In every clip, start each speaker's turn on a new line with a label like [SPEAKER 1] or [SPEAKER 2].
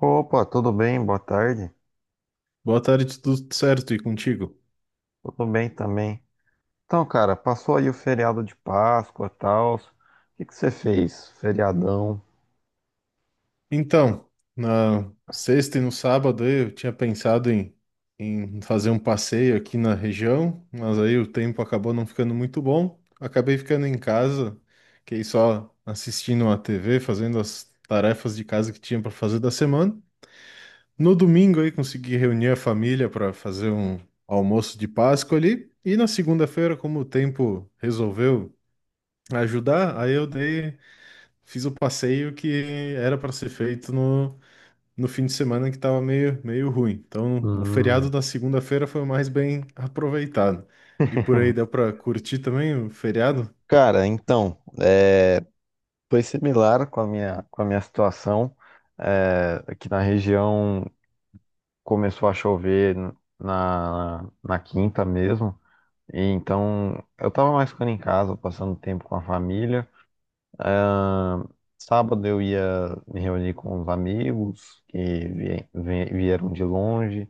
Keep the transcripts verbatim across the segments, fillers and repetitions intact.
[SPEAKER 1] Opa, tudo bem? Boa tarde.
[SPEAKER 2] Boa tarde, tudo certo e contigo?
[SPEAKER 1] Tudo bem também. Então, cara, passou aí o feriado de Páscoa, tal. O que que você fez? Feriadão.
[SPEAKER 2] Então, na sexta e no sábado aí eu tinha pensado em, em fazer um passeio aqui na região, mas aí o tempo acabou não ficando muito bom. Acabei ficando em casa, fiquei só assistindo a T V, fazendo as tarefas de casa que tinha para fazer da semana. No domingo aí consegui reunir a família para fazer um almoço de Páscoa ali. E na segunda-feira, como o tempo resolveu ajudar, aí eu dei fiz o passeio que era para ser feito no, no fim de semana que estava meio, meio ruim. Então, o feriado
[SPEAKER 1] Hum.
[SPEAKER 2] da segunda-feira foi o mais bem aproveitado. E por aí deu para curtir também o feriado?
[SPEAKER 1] Cara, então, é, foi similar com a minha, com a minha situação. É, aqui na região começou a chover na, na quinta mesmo. E então, eu tava mais ficando em casa, passando tempo com a família. Ah, sábado eu ia me reunir com os amigos que vie- vie- vieram de longe.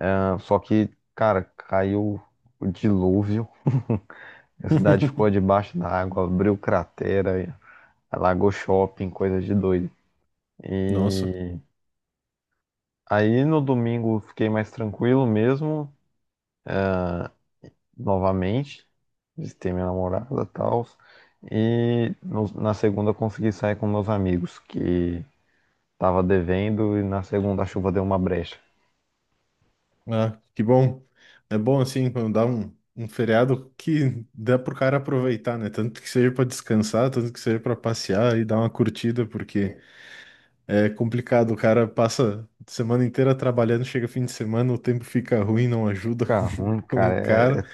[SPEAKER 1] Ah, só que, cara, caiu o dilúvio. A cidade ficou debaixo da água, abriu cratera, alagou shopping, coisa de doido.
[SPEAKER 2] Nossa,
[SPEAKER 1] E aí no domingo fiquei mais tranquilo mesmo, novamente. Visitei minha namorada e tal. E no- na segunda eu consegui sair com meus amigos, que tava devendo, e na segunda a chuva deu uma brecha.
[SPEAKER 2] ah, que bom. É bom assim quando dá um, um feriado que dá pro cara aproveitar, né? Tanto que seja para descansar, tanto que seja para passear e dar uma curtida, porque é complicado, o cara passa a semana inteira trabalhando, chega fim de semana, o tempo fica ruim, não ajuda
[SPEAKER 1] Fica
[SPEAKER 2] com,
[SPEAKER 1] ruim,
[SPEAKER 2] com o
[SPEAKER 1] cara, é,
[SPEAKER 2] cara.
[SPEAKER 1] é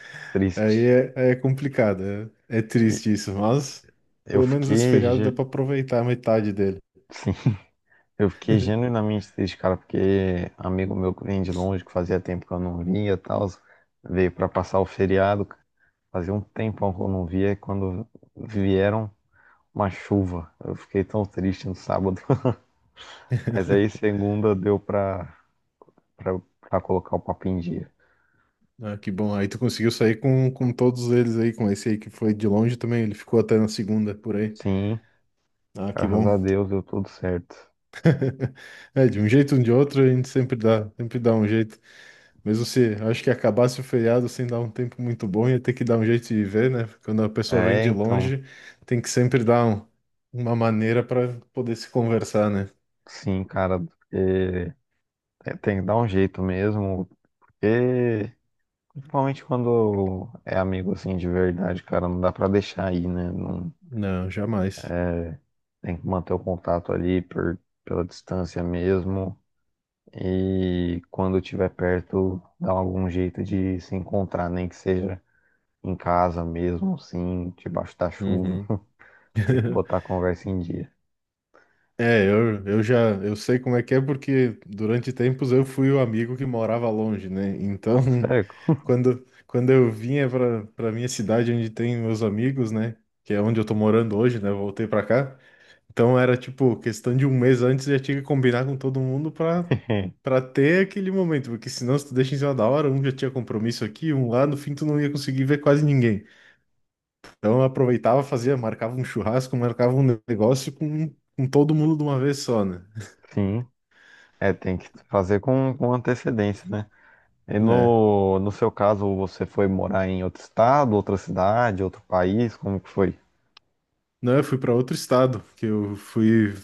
[SPEAKER 2] Aí
[SPEAKER 1] triste.
[SPEAKER 2] é, aí é complicado, é, é
[SPEAKER 1] E
[SPEAKER 2] triste isso, mas
[SPEAKER 1] eu
[SPEAKER 2] pelo menos esse
[SPEAKER 1] fiquei,
[SPEAKER 2] feriado deu
[SPEAKER 1] ge-
[SPEAKER 2] pra aproveitar a metade dele.
[SPEAKER 1] sim, eu fiquei genuinamente triste, cara, porque amigo meu que vem de longe, que fazia tempo que eu não via e tal, veio pra passar o feriado. Fazia um tempão que eu não via e quando vieram uma chuva, eu fiquei tão triste no sábado. Mas aí segunda deu pra, pra, pra colocar o papo em dia.
[SPEAKER 2] Ah, que bom, aí tu conseguiu sair com, com todos eles aí, com esse aí que foi de longe também, ele ficou até na segunda por aí.
[SPEAKER 1] Sim,
[SPEAKER 2] Ah, que
[SPEAKER 1] graças
[SPEAKER 2] bom.
[SPEAKER 1] a Deus deu tudo certo.
[SPEAKER 2] É, de um jeito ou de outro, a gente sempre dá, sempre dá um jeito. Mesmo se, acho que acabasse o feriado sem dar um tempo muito bom, ia ter que dar um jeito de viver, né? Quando a pessoa vem
[SPEAKER 1] É,
[SPEAKER 2] de
[SPEAKER 1] então.
[SPEAKER 2] longe, tem que sempre dar um- uma maneira para poder se conversar, né?
[SPEAKER 1] Sim, cara, porque é, tem que dar um jeito mesmo, porque principalmente quando é amigo assim de verdade, cara, não dá pra deixar aí, né? Não,
[SPEAKER 2] Não, jamais.
[SPEAKER 1] tem que manter o contato ali por, pela distância mesmo. E quando tiver perto, dá algum jeito de se encontrar, nem que seja em casa mesmo, assim, debaixo da chuva.
[SPEAKER 2] Uhum.
[SPEAKER 1] Tem que botar a conversa em dia.
[SPEAKER 2] É, eu, eu já eu sei como é que é porque durante tempos eu fui o amigo que morava longe, né? Então,
[SPEAKER 1] Certo?
[SPEAKER 2] quando, quando eu vinha para para minha cidade onde tem meus amigos, né? Que é onde eu tô morando hoje, né? eu Voltei para cá. Então era tipo questão de um mês antes eu já tinha que combinar com todo mundo para para ter aquele momento, porque senão se tu deixa em cima da hora, um já tinha compromisso aqui, um lá, no fim tu não ia conseguir ver quase ninguém. Então eu aproveitava, fazia, marcava um churrasco, marcava um negócio com, com todo mundo de uma vez só, né?
[SPEAKER 1] Sim, é, tem que fazer com, com antecedência, né? E
[SPEAKER 2] né?
[SPEAKER 1] no, no seu caso, você foi morar em outro estado, outra cidade, outro país? Como que foi?
[SPEAKER 2] Não, eu fui para outro estado, que eu fui,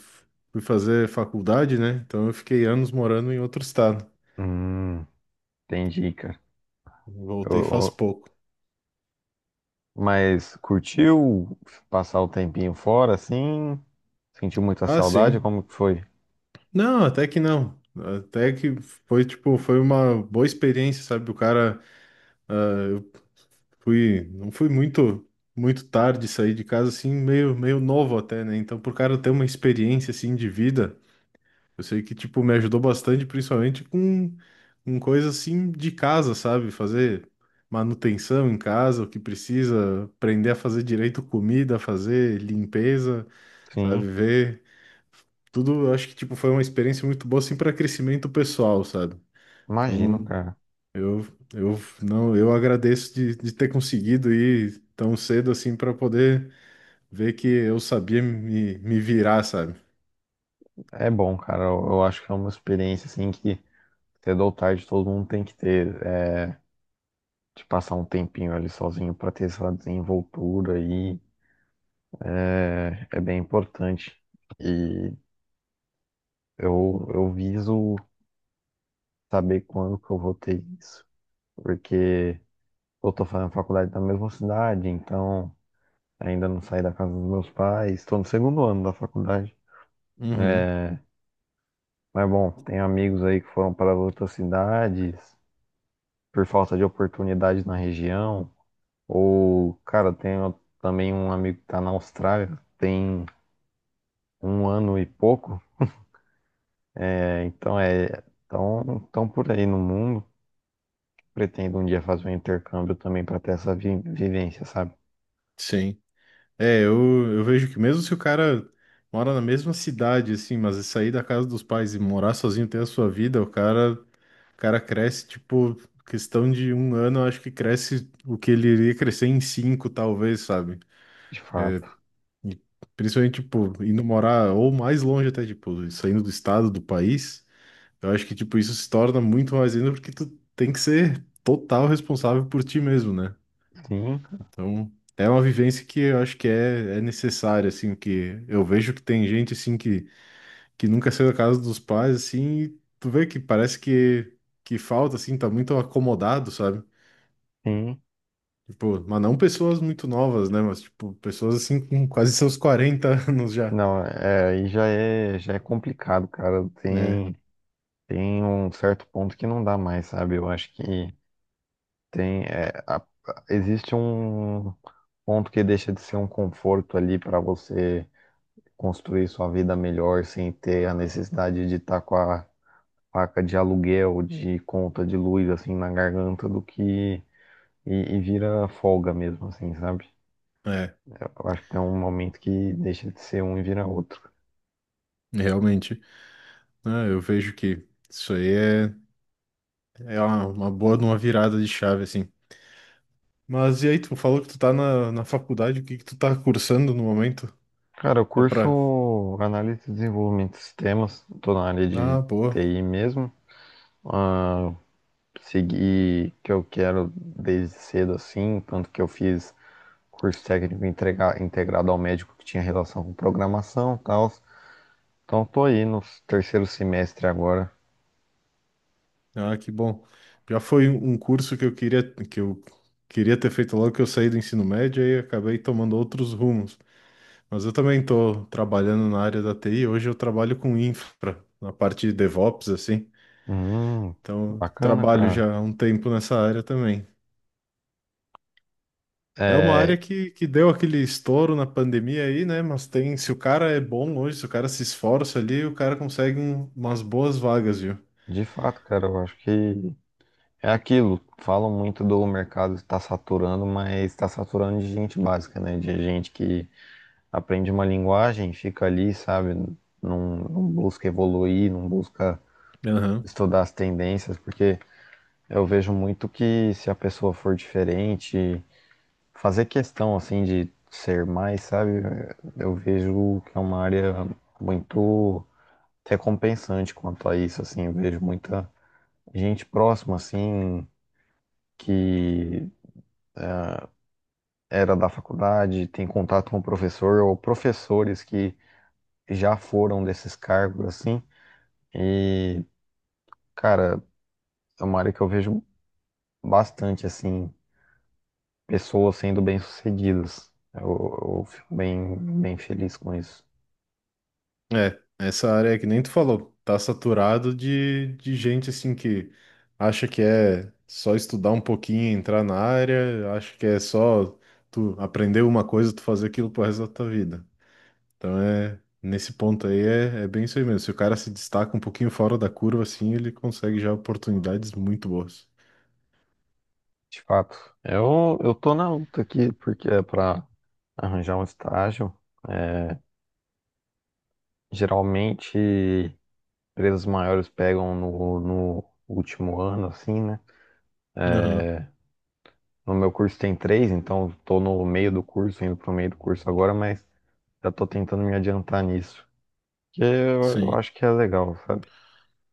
[SPEAKER 2] fui fazer faculdade, né? Então eu fiquei anos morando em outro estado.
[SPEAKER 1] Hum, entendi, cara.
[SPEAKER 2] Voltei faz
[SPEAKER 1] Eu-
[SPEAKER 2] pouco.
[SPEAKER 1] mas curtiu passar o tempinho fora, assim? Sentiu muita
[SPEAKER 2] Ah,
[SPEAKER 1] saudade?
[SPEAKER 2] sim.
[SPEAKER 1] Como que foi?
[SPEAKER 2] Não, até que não. Até que foi tipo, foi uma boa experiência, sabe? O cara fui, não fui muito muito tarde sair de casa assim, meio meio novo até, né? Então pro cara ter uma experiência assim de vida eu sei que, tipo, me ajudou bastante, principalmente com, com coisa assim de casa, sabe? Fazer manutenção em casa, o que precisa, aprender a fazer direito comida, fazer limpeza,
[SPEAKER 1] Sim,
[SPEAKER 2] sabe? Ver tudo, eu acho que, tipo, foi uma experiência muito boa, assim, para crescimento pessoal, sabe?
[SPEAKER 1] imagino,
[SPEAKER 2] Então,
[SPEAKER 1] cara.
[SPEAKER 2] eu, eu, não, eu agradeço de, de ter conseguido ir tão cedo, assim, para poder ver que eu sabia me, me virar, sabe?
[SPEAKER 1] É bom, cara. Eu, eu acho que é uma experiência, assim, que cedo ou tarde todo mundo tem que ter. É, de passar um tempinho ali sozinho pra ter essa desenvoltura aí é é bem importante. E Eu, eu viso saber quando que eu vou ter isso, porque eu tô fazendo faculdade na mesma cidade, então ainda não saí da casa dos meus pais, estou no segundo ano da faculdade.
[SPEAKER 2] Uhum,
[SPEAKER 1] Mas bom, tem amigos aí que foram para outras cidades por falta de oportunidade na região, ou, cara, tenho também um amigo que tá na Austrália, tem um ano e pouco, é, então é, tão, tão por aí no mundo. Pretendo um dia fazer um intercâmbio também para ter essa vi- vivência, sabe?
[SPEAKER 2] sim. É, eu, eu vejo que mesmo se o cara mora na mesma cidade, assim, mas sair da casa dos pais e morar sozinho, ter a sua vida, o cara, o cara cresce, tipo, questão de um ano, eu acho que cresce o que ele iria crescer em cinco, talvez, sabe?
[SPEAKER 1] De fato.
[SPEAKER 2] E principalmente, tipo, indo morar ou mais longe até, tipo, saindo do estado, do país, eu acho que, tipo, isso se torna muito mais ainda porque tu tem que ser total responsável por ti mesmo, né?
[SPEAKER 1] Sim,
[SPEAKER 2] Então, é uma vivência que eu acho que é, é necessária, assim, que eu vejo que tem gente, assim, que, que nunca saiu da casa dos pais, assim, e tu vê que parece que, que falta, assim, tá muito acomodado, sabe?
[SPEAKER 1] sim.
[SPEAKER 2] Tipo, mas não pessoas muito novas, né? Mas, tipo, pessoas, assim, com quase seus quarenta anos já,
[SPEAKER 1] Não, é, aí já é, já é complicado, cara.
[SPEAKER 2] né?
[SPEAKER 1] Tem, tem um certo ponto que não dá mais, sabe? Eu acho que tem, é, a- existe um ponto que deixa de ser um conforto ali para você construir sua vida melhor sem ter a necessidade de estar com a faca de aluguel, de conta de luz, assim, na garganta do que. E, e vira folga mesmo, assim, sabe?
[SPEAKER 2] É,
[SPEAKER 1] Eu acho que tem um momento que deixa de ser um e vira outro.
[SPEAKER 2] realmente. Ah, eu vejo que isso aí é, é uma, uma boa de uma virada de chave, assim. Mas e aí, tu falou que tu tá na, na faculdade, o que que tu tá cursando no momento?
[SPEAKER 1] Cara, eu
[SPEAKER 2] Só pra...
[SPEAKER 1] curso análise e desenvolvimento de sistemas, tô na área de
[SPEAKER 2] Ah, boa.
[SPEAKER 1] T I mesmo. Ah, segui o que eu quero desde cedo assim, tanto que eu fiz curso técnico entrega- integrado ao médico que tinha relação com programação e tal. Então tô aí no terceiro semestre agora.
[SPEAKER 2] Ah, que bom. Já foi um um curso que eu queria que eu queria ter feito logo que eu saí do ensino médio e acabei tomando outros rumos. Mas eu também estou trabalhando na área da T I. Hoje eu trabalho com infra, na parte de DevOps, assim.
[SPEAKER 1] Hum,
[SPEAKER 2] Então,
[SPEAKER 1] bacana,
[SPEAKER 2] trabalho
[SPEAKER 1] cara.
[SPEAKER 2] já há um tempo nessa área também. É uma área
[SPEAKER 1] É,
[SPEAKER 2] que, que deu aquele estouro na pandemia aí, né? Mas tem, se o cara é bom hoje, se o cara se esforça ali, o cara consegue um- umas boas vagas, viu?
[SPEAKER 1] de fato, cara, eu acho que é aquilo. Falam muito do mercado estar saturando, mas está saturando de gente básica, né? De gente que aprende uma linguagem, fica ali, sabe? Não, não busca evoluir, não busca estudar as tendências, porque eu vejo muito que se a pessoa for diferente, fazer questão assim de ser mais, sabe? Eu vejo que é uma área muito recompensante quanto a isso, assim. Eu vejo muita gente próxima, assim, que era da faculdade, tem contato com o professor, ou professores que já foram desses cargos, assim, e Cara, é uma área que eu vejo bastante, assim, pessoas sendo bem-sucedidas. Eu, eu fico bem, bem feliz com isso,
[SPEAKER 2] É, essa área que nem tu falou, tá saturado de, de gente assim que acha que é só estudar um pouquinho, e entrar na área, acha que é só tu aprender uma coisa, tu fazer aquilo pro resto da tua vida. Então é, nesse ponto aí é, é bem isso aí mesmo. Se o cara se destaca um pouquinho fora da curva, assim, ele consegue já oportunidades muito boas.
[SPEAKER 1] de fato. Eu, eu tô na luta aqui porque é para arranjar um estágio. É, geralmente, empresas maiores pegam no, no último ano, assim, né?
[SPEAKER 2] Aham,
[SPEAKER 1] No meu curso tem três, então tô no meio do curso, indo pro meio do curso agora, mas já tô tentando me adiantar nisso. Que eu, eu
[SPEAKER 2] sim.
[SPEAKER 1] acho que é legal, sabe?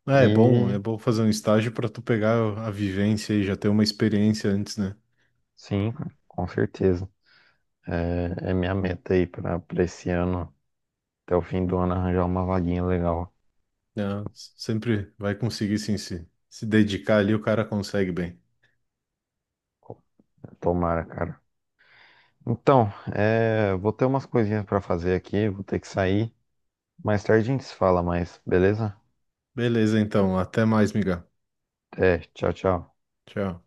[SPEAKER 2] É, é bom,
[SPEAKER 1] E.
[SPEAKER 2] é bom fazer um estágio pra tu pegar a vivência e já ter uma experiência antes, né?
[SPEAKER 1] Sim, cara, com certeza. É, é minha meta aí pra, pra esse ano, até o fim do ano, arranjar uma vaguinha legal.
[SPEAKER 2] Não, sempre vai conseguir sim se, se dedicar ali, o cara consegue bem.
[SPEAKER 1] Tomara, cara. Então, é, vou ter umas coisinhas pra fazer aqui, vou ter que sair. Mais tarde a gente se fala mais, beleza?
[SPEAKER 2] Beleza, então. Até mais, miga.
[SPEAKER 1] Até, tchau, tchau.
[SPEAKER 2] Tchau.